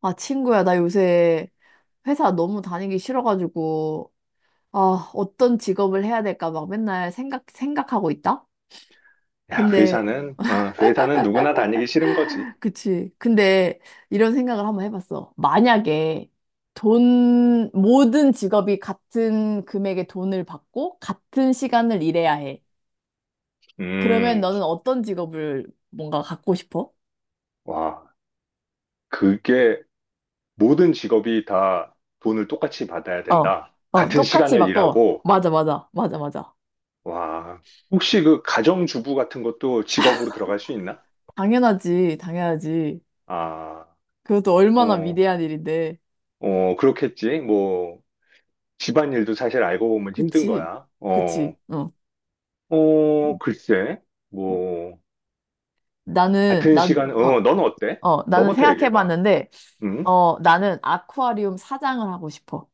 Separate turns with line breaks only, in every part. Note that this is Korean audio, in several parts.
아, 친구야, 나 요새 회사 너무 다니기 싫어가지고, 어떤 직업을 해야 될까 막 맨날 생각하고 있다?
야,
근데,
회사는 누구나 다니기 싫은 거지.
그치. 근데 이런 생각을 한번 해봤어. 만약에 돈, 모든 직업이 같은 금액의 돈을 받고 같은 시간을 일해야 해. 그러면
음,
너는 어떤 직업을 뭔가 갖고 싶어?
와, 그게 모든 직업이 다 돈을 똑같이 받아야
어,
된다. 같은
똑같이
시간을
바꿔.
일하고,
맞아, 맞아, 맞아, 맞아.
와, 혹시 그 가정주부 같은 것도 직업으로 들어갈 수 있나?
당연하지, 당연하지.
아,
그것도 얼마나
어,
위대한 일인데.
어, 그렇겠지. 뭐, 집안일도 사실 알고 보면 힘든
그치,
거야.
그치,
어,
어.
어, 글쎄, 뭐,
나는,
같은
나,
시간,
어,
어, 넌 어때?
나는
너부터 얘기해봐.
생각해봤는데,
응?
나는 아쿠아리움 사장을 하고 싶어.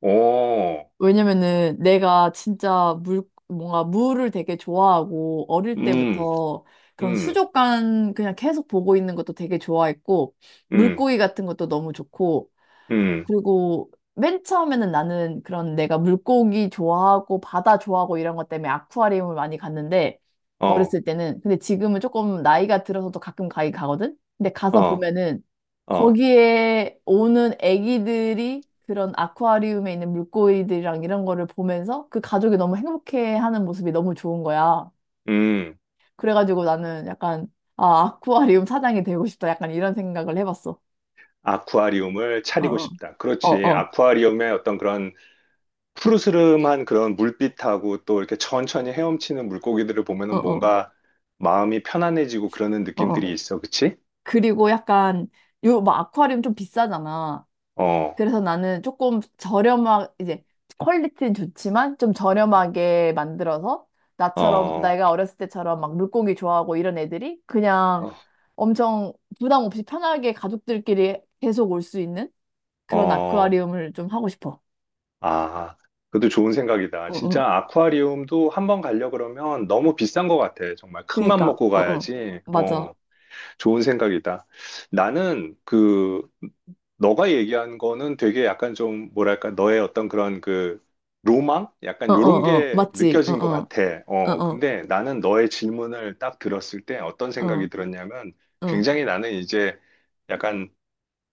어,
왜냐면은 내가 진짜 뭔가 물을 되게 좋아하고, 어릴
음.
때부터 그런
음.
수족관 그냥 계속 보고 있는 것도 되게 좋아했고,
음,
물고기 같은 것도 너무 좋고,
음,
그리고 맨 처음에는 나는 그런 내가 물고기 좋아하고 바다 좋아하고 이런 것 때문에 아쿠아리움을 많이 갔는데
어,
어렸을 때는. 근데 지금은 조금 나이가 들어서도 가끔 가긴 가거든. 근데 가서
어,
보면은
어,
거기에 오는 애기들이 그런 아쿠아리움에 있는 물고기들이랑 이런 거를 보면서 그 가족이 너무 행복해하는 모습이 너무 좋은 거야.
음,
그래가지고 나는 약간 아 아쿠아리움 사장이 되고 싶다 약간 이런 생각을 해봤어.
아쿠아리움을 차리고
어,
싶다.
어,
그렇지.
어,
아쿠아리움의 어떤 그런 푸르스름한 그런 물빛하고 또 이렇게 천천히 헤엄치는 물고기들을
어,
보면은
어,
뭔가 마음이 편안해지고 그러는
어, 어.
느낌들이 있어. 그치?
그리고 약간 요 막 아쿠아리움 좀 비싸잖아.
어,
그래서 나는 조금 저렴한 이제 퀄리티는 좋지만 좀 저렴하게 만들어서 나처럼
어,
내가 어렸을 때처럼 막 물고기 좋아하고 이런 애들이 그냥
어,
엄청 부담 없이 편하게 가족들끼리 계속 올 수 있는 그런
어,
아쿠아리움을 좀 하고 싶어.
아, 그것도 좋은 생각이다.
응,
진짜
응.
아쿠아리움도 한번 가려 그러면 너무 비싼 것 같아. 정말 큰 맘
그니까,
먹고
응, 응.
가야지. 어,
맞아.
좋은 생각이다. 나는 그 너가 얘기한 거는 되게 약간 좀 뭐랄까 너의 어떤 그런 그 로망? 약간
응, 응,
요런
응.
게
맞지? 응,
느껴진 것
응.
같아.
응,
어,
응.
근데 나는 너의 질문을 딱 들었을 때 어떤 생각이
응,
들었냐면
응.
굉장히 나는 이제 약간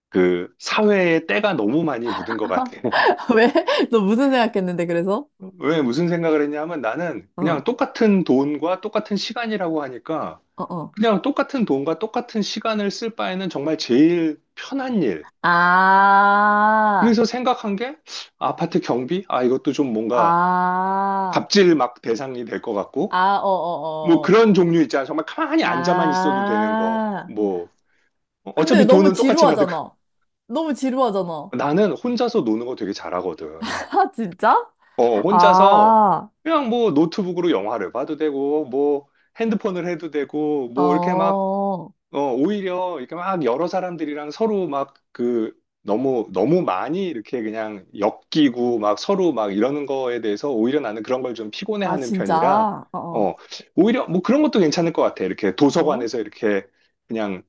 그 사회에 때가 너무 많이 묻은 것 같아.
왜? 너 무슨 생각했는데, 그래서?
왜 무슨 생각을 했냐면 나는
어.
그냥 똑같은 돈과 똑같은 시간이라고 하니까
어, 어.
그냥 똑같은 돈과 똑같은 시간을 쓸 바에는 정말 제일 편한 일.
아,
그래서 생각한 게 아파트 경비? 아, 이것도 좀 뭔가
아,
갑질 막 대상이 될 것 같고.
아, 어, 어,
뭐
어, 어.
그런 종류 있잖아. 정말 가만히 앉아만 있어도 되는 거.
아.
뭐
근데
어차피
너무
돈은 똑같이 받을 거.
지루하잖아. 너무 지루하잖아.
나는 혼자서 노는 거 되게 잘하거든.
아, 진짜?
어, 혼자서
아,
그냥 뭐 노트북으로 영화를 봐도 되고, 뭐 핸드폰을 해도 되고, 뭐 이렇게 막
어,
어, 오히려 이렇게 막 여러 사람들이랑 서로 막 그 너무 너무 많이 이렇게 그냥 엮이고 막 서로 막 이러는 거에 대해서 오히려 나는 그런 걸 좀
아,
피곤해하는
진짜?
편이라
어, 어.
어, 오히려 뭐 그런 것도 괜찮을 것 같아. 이렇게
뭐?
도서관에서 이렇게 그냥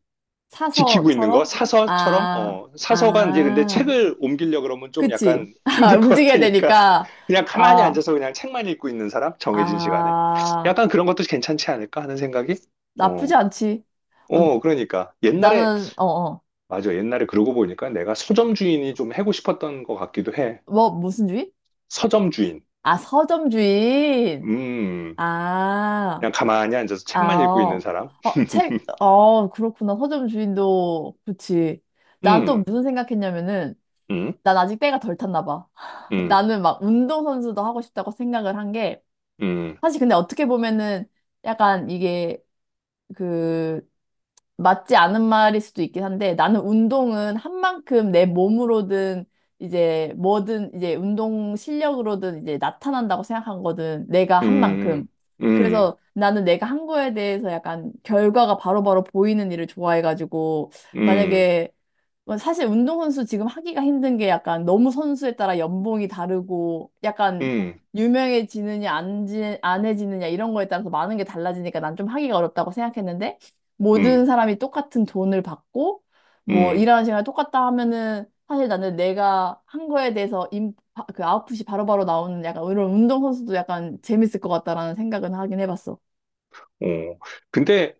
지키고 있는 거
사서처럼?
사서처럼
아,
어, 사서가 이제 근데
아.
책을 옮기려 그러면 좀
그치?
약간
아,
힘들 것
움직여야
같으니까
되니까.
그냥 가만히
아,
앉아서 그냥 책만 읽고 있는 사람 정해진 시간에
아.
약간 그런 것도 괜찮지 않을까 하는 생각이.
나쁘지
어.
않지. 어,
어, 그러니까. 옛날에
나는, 어, 어.
맞아. 옛날에 그러고 보니까 내가 서점 주인이 좀 하고 싶었던 것 같기도 해.
뭐, 무슨 주의?
서점 주인.
아, 서점 주인.
음.
아,
그냥 가만히 앉아서
아,
책만 읽고 있는
어,
사람.
어, 책, 어, 그렇구나. 서점 주인도, 그치. 난 또
음.
무슨 생각했냐면은,
음.
난 아직 때가 덜 탔나 봐.
음.
나는 막 운동선수도 하고 싶다고 생각을 한 게,
음.
사실 근데 어떻게 보면은, 약간 이게, 그, 맞지 않은 말일 수도 있긴 한데 나는 운동은 한 만큼 내 몸으로든 이제 뭐든 이제 운동 실력으로든 이제 나타난다고 생각한거든 내가 한
음.
만큼.
음.
그래서 나는 내가 한 거에 대해서 약간 결과가 바로바로 보이는 일을 좋아해가지고,
음.
만약에 뭐 사실 운동선수 지금 하기가 힘든 게 약간 너무 선수에 따라 연봉이 다르고 약간
음.
유명해지느냐 안 해지느냐 이런 거에 따라서 많은 게 달라지니까 난 좀 하기가 어렵다고 생각했는데, 모든
음.
사람이 똑같은 돈을 받고 뭐
음.
일하는 시간이 똑같다 하면은 사실 나는 내가 한 거에 대해서 그 아웃풋이 바로바로 나오는 약간 이런 운동선수도 약간 재밌을 것 같다라는 생각은 하긴 해봤어.
어. 근데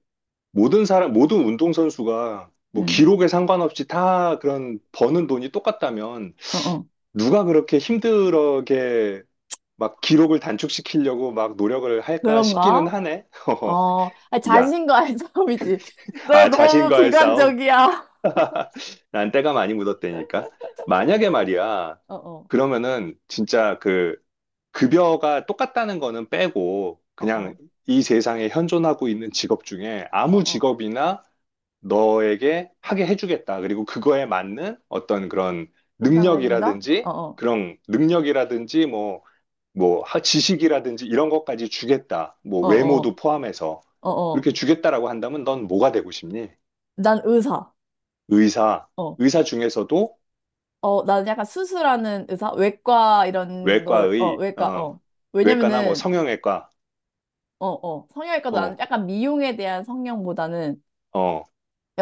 모든 사람, 모든 운동선수가 뭐
음,
기록에 상관없이 다 그런 버는 돈이 똑같다면
어, 어.
누가 그렇게 힘들게 막 기록을 단축시키려고 막 노력을 할까 싶기는
그런가?
하네. 허허.
어, 아니,
야,
자신과의 싸움이지. 너
아,
너무
자신과의 싸움?
비관적이야.
난 때가 많이 묻었다니까. 만약에 말이야,
어, 어,
그러면은 진짜 그 급여가 똑같다는 거는 빼고
어,
그냥
어,
이 세상에 현존하고 있는 직업 중에
어,
아무
어.
직업이나 너에게 하게 해주겠다. 그리고 그거에 맞는 어떤 그런
보상을 해준다?
능력이라든지
어, 어,
그런 능력이라든지 뭐, 지식이라든지 이런 것까지 주겠다. 뭐
어, 어,
외모도 포함해서
어, 어.
그렇게 주겠다라고 한다면 넌 뭐가 되고 싶니?
난 의사.
의사,
어.
의사 중에서도
어, 나는 약간 수술하는 의사, 외과 이런 걸, 어,
외과의,
외과,
어,
어.
외과나 뭐
왜냐면은,
성형외과,
어, 어, 성형외과도 나는
어,
약간 미용에 대한 성형보다는
어,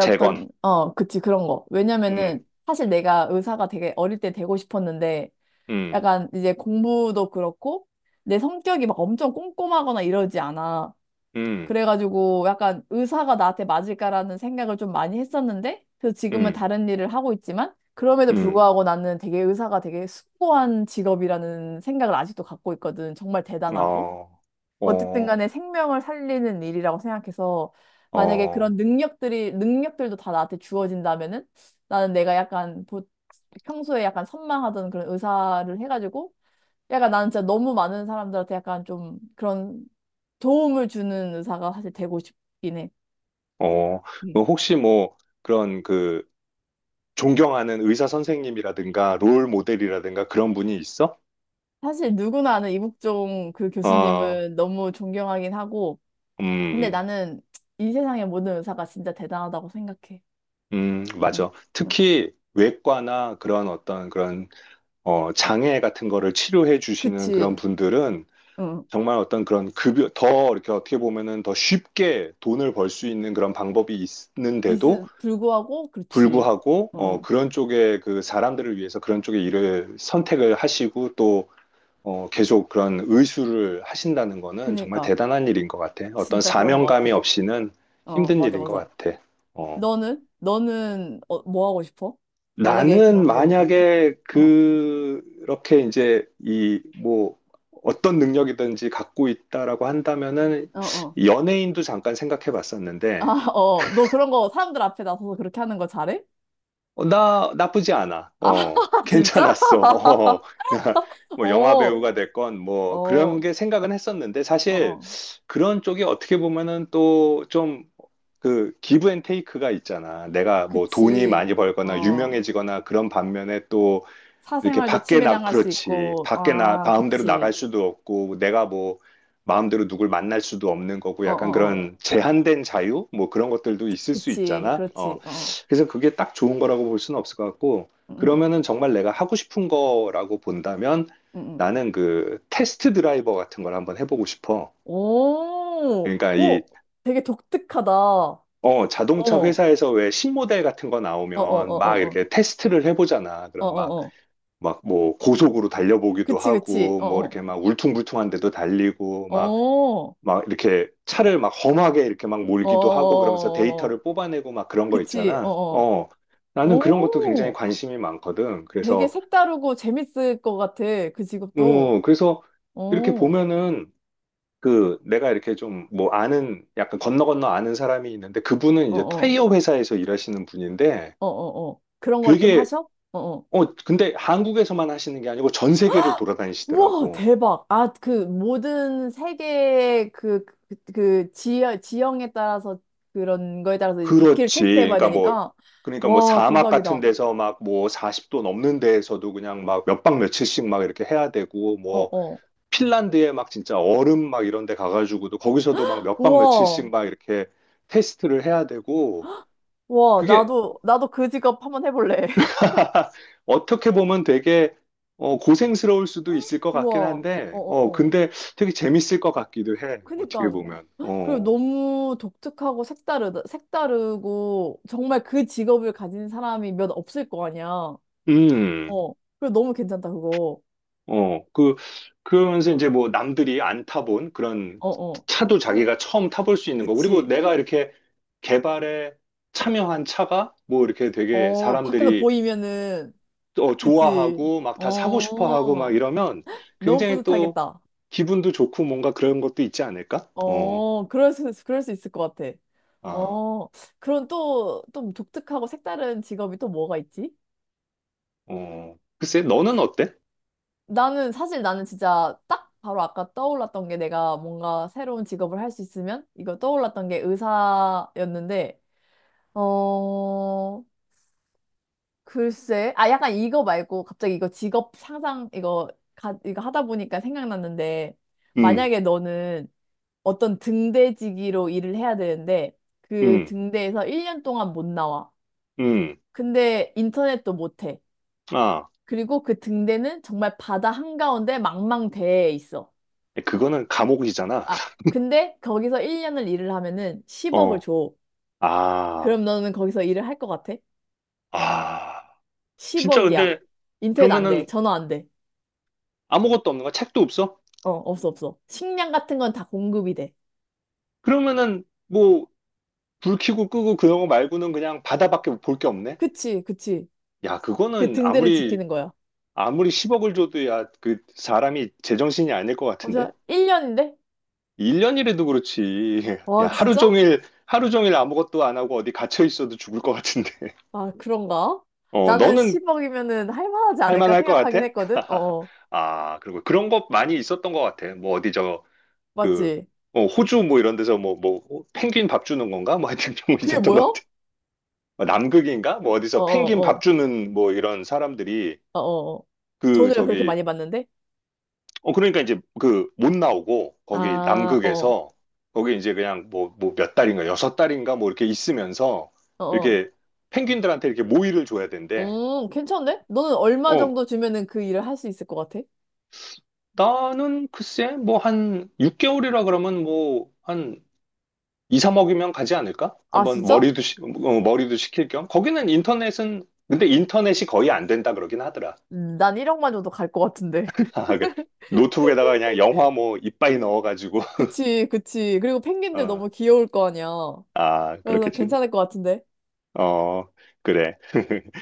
재건,
어, 그치, 그런 거.
음,
왜냐면은, 사실 내가 의사가 되게 어릴 때 되고 싶었는데,
음,
약간 이제 공부도 그렇고, 내 성격이 막 엄청 꼼꼼하거나 이러지 않아.
음,
그래가지고 약간 의사가 나한테 맞을까라는 생각을 좀 많이 했었는데, 그래서 지금은
음,
다른 일을 하고 있지만, 그럼에도
음,
불구하고 나는 되게 의사가 되게 숭고한 직업이라는 생각을 아직도 갖고 있거든. 정말 대단하고.
어,
어쨌든
어,
간에 생명을 살리는 일이라고 생각해서, 만약에 그런
어,
능력들도 다 나한테 주어진다면은, 나는 내가 약간 평소에 약간 선망하던 그런 의사를 해가지고, 약간 나는 진짜 너무 많은 사람들한테 약간 좀 그런 도움을 주는 의사가 사실 되고 싶긴 해.
어,
음.
뭐 혹시 뭐 그런 그 존경하는 의사 선생님이라든가 롤 모델이라든가 그런 분이 있어?
사실 누구나 아는 이국종 그
어,
교수님은 너무 존경하긴 하고,
음,
근데
음,
나는 이 세상의 모든 의사가 진짜 대단하다고 생각해. 응,
맞아.
어,
특히 외과나 그런 어떤 그런 어, 장애 같은 거를 치료해 주시는 그런
그치.
분들은
응.
정말 어떤 그런 급여, 더 이렇게 어떻게 보면은 더 쉽게 돈을 벌 수 있는 그런 방법이 있는데도
있음 불구하고, 그렇지.
불구하고,
응,
어,
응.
그런 쪽에 그 사람들을 위해서 그런 쪽의 일을 선택을 하시고 또, 어, 계속 그런 의수를 하신다는 거는 정말
그니까.
대단한 일인 것 같아. 어떤
진짜 그런 것
사명감이
같아.
없이는
어,
힘든
맞아,
일인 것
맞아.
같아. 어.
너는? 뭐 하고 싶어? 만약에
나는
그런 게 온다면?
만약에
어,
그렇게 이제 이 뭐 어떤 능력이든지 갖고 있다라고 한다면은
어, 어.
연예인도 잠깐 생각해
아,
봤었는데
어, 너 그런 거 사람들 앞에 나서서 그렇게 하는 거 잘해?
어, 나 나쁘지 않아.
아,
어,
진짜?
괜찮았어. 어, 나뭐 영화
어,
배우가 됐건
어,
뭐 그런
어,
게 생각은 했었는데 사실
어,
그런 쪽이 어떻게 보면은 또 좀 그 기브 앤 테이크가 있잖아. 내가 뭐 돈이
그치.
많이 벌거나
어,
유명해지거나 그런 반면에 이렇게
사생활도
밖에 나,
침해당할 수
그렇지.
있고,
밖에 나,
아,
마음대로 나갈
그치.
수도 없고, 내가 뭐, 마음대로 누굴 만날 수도 없는 거고,
어,
약간
어, 어,
그런 제한된 자유? 뭐 그런 것들도 있을 수
그치.
있잖아. 어,
그렇지. 어,
그래서 그게 딱 좋은 거라고 볼 수는 없을 것 같고,
응, 응,
그러면은 정말 내가 하고 싶은 거라고 본다면
응. 응.
나는 그 테스트 드라이버 같은 걸 한번 해보고 싶어.
오,
그러니까 이,
오, 되게 독특하다. 어,
어, 자동차
어,
회사에서 왜 신모델 같은 거
어, 어,
나오면 막
어, 어,
이렇게 테스트를 해보잖아. 그
어,
런막
어, 어,
막 뭐 고속으로 달려보기도
그치, 그치.
하고
어,
뭐
어,
이렇게 막 울퉁불퉁한 데도 달리고
어,
막
어,
막 이렇게 차를 막 험하게 이렇게 막
어, 어,
몰기도 하고 그러면서
어, 어, 어.
데이터를 뽑아내고 막 그런 거
그치. 어,
있잖아.
어.
어. 나는 그런 것도 굉장히
오.
관심이 많거든.
되게
그래서
색다르고 재밌을 것 같아. 그 직업도.
어, 그래서
어,
이렇게
어,
보면은 그 내가 이렇게 좀 뭐 아는 약간 건너 건너 아는 사람이 있는데 그분은 이제
어,
타이어 회사에서 일하시는 분인데
어, 어, 어. 그런 걸 좀
되게
하셔? 어, 어.
어 근데 한국에서만 하시는 게 아니고 전 세계를
우와,
돌아다니시더라고.
대박. 아, 그 모든 세계의 그, 그, 그 지형, 지형에 따라서 그런 거에 따라서 이제 바퀴를
그렇지.
테스트해 봐야
그러니까 뭐,
되니까.
그러니까 뭐
와,
사막
대박이다.
같은
어,
데서 막 뭐 40도 넘는 데에서도 그냥 막 몇 박 며칠씩 막 이렇게 해야 되고, 뭐
어.
핀란드에 막 진짜 얼음 막 이런 데 가가지고도 거기서도 막 몇 박 며칠씩
우와.
막 이렇게 테스트를 해야 되고,
우와,
그게
나도 그 직업 한번 해볼래.
어떻게 보면 되게 어, 고생스러울 수도 있을 것 같긴
우와. 어,
한데, 어,
어, 어.
근데 되게 재밌을 것 같기도 해. 어떻게
그니까.
보면.
그리고
어.
너무 독특하고 색다르고 정말 그 직업을 가진 사람이 몇 없을 거 아니야. 어.
음.
그리고 너무 괜찮다, 그거.
어, 그, 그러면서 이제 뭐 남들이 안 타본 그런
어, 어.
차도
찾아.
자기가 처음 타볼 수 있는 거. 그리고
그치.
내가 이렇게 개발에 참여한 차가 뭐 이렇게 되게
어, 밖에서
사람들이
보이면은.
또
그치.
좋아하고 막 다 사고 싶어 하고 막
어.
이러면
너무
굉장히 또
뿌듯하겠다.
기분도 좋고 뭔가 그런 것도 있지 않을까? 어,
어, 그럴 수 있을 것 같아.
아,
어. 그럼 또, 또 독특하고 색다른 직업이 또 뭐가 있지?
어. 글쎄, 너는 어때?
나는 진짜 딱 바로 아까 떠올랐던 게 내가 뭔가 새로운 직업을 할 수 있으면 이거 떠올랐던 게 의사였는데. 어, 글쎄, 아 약간 이거 말고 갑자기 이거 직업 상상 이거 하다 보니까 생각났는데,
음,
만약에 너는 어떤 등대지기로 일을 해야 되는데 그
음,
등대에서 1년 동안 못 나와.
음.
근데 인터넷도 못 해.
아,
그리고 그 등대는 정말 바다 한가운데 망망대해 있어.
그거는 감옥이잖아.
아, 근데 거기서 1년을 일을 하면은 10억을
어,
줘.
아,
그럼 너는 거기서 일을 할 것 같아?
아. 진짜
10억이야.
근데
인터넷 안 돼.
그러면은
전화 안 돼.
아무것도 없는 거야? 책도 없어?
어, 없어, 없어. 식량 같은 건 다 공급이 돼.
그러면은 뭐 불 켜고 끄고 그런 거 말고는 그냥 바다밖에 볼 게 없네?
그치, 그치.
야,
그
그거는
등대를
아무리
지키는 거야.
아무리 10억을 줘도 야, 그 사람이 제정신이 아닐 것
어래
같은데?
일 1년인데?
1년이라도 그렇지. 야,
와,
하루
진짜?
종일 하루 종일 아무것도 안 하고 어디 갇혀 있어도 죽을 것 같은데.
아, 그런가?
어,
나는
너는
10억이면은 할만하지
할
않을까
만할 것
생각하긴
같아?
했거든? 어, 어.
아, 그리고 그런 것 많이 있었던 것 같아. 뭐 어디 저그
맞지?
어, 호주 뭐 이런 데서 어, 펭귄 밥 주는 건가? 뭐 하여튼 그런 거
그게
있었던
뭐야?
것
어,
같아. 어, 남극인가? 뭐
어,
어디서 펭귄
어,
밥 주는 뭐 이런 사람들이
어, 어. 어.
그
돈을 그렇게
저기
많이 받는데?
어 그러니까 이제 그 못 나오고 거기
아, 어,
남극에서 거기 이제 그냥 뭐 몇 달인가 여섯 달인가 뭐 이렇게 있으면서
어, 어.
이렇게 펭귄들한테 이렇게 모이를 줘야 된대.
괜찮네? 너는 얼마
어
정도 주면은 그 일을 할 수 있을 것 같아?
나는 글쎄 뭐 한 6개월이라 그러면 뭐 한 2, 3억이면 가지 않을까?
아,
한번
진짜?
머리도 식힐 겸 거기는 인터넷은 근데 인터넷이 거의 안 된다 그러긴 하더라.
난 1억만 줘도 갈 것 같은데.
아, 그 노트북에다가 그냥 영화 뭐 이빠이 넣어가지고
그치, 그치. 그리고 펭귄들
어,
너무 귀여울 거 아니야.
아
그래서
그렇겠지.
괜찮을 것 같은데.
어 그래.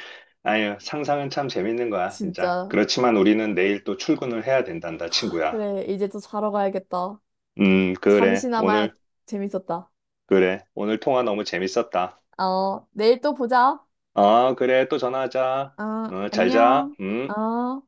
아유 상상은 참 재밌는 거야. 진짜
진짜.
그렇지만 우리는 내일 또 출근을 해야 된단다 친구야.
그래, 이제 또 자러 가야겠다.
그래
잠시나마
오늘.
재밌었다.
그래 오늘 통화 너무 재밌었다.
어, 내일 또 보자.
아 그래 또 전화하자.
어,
어, 잘자.
안녕. 어.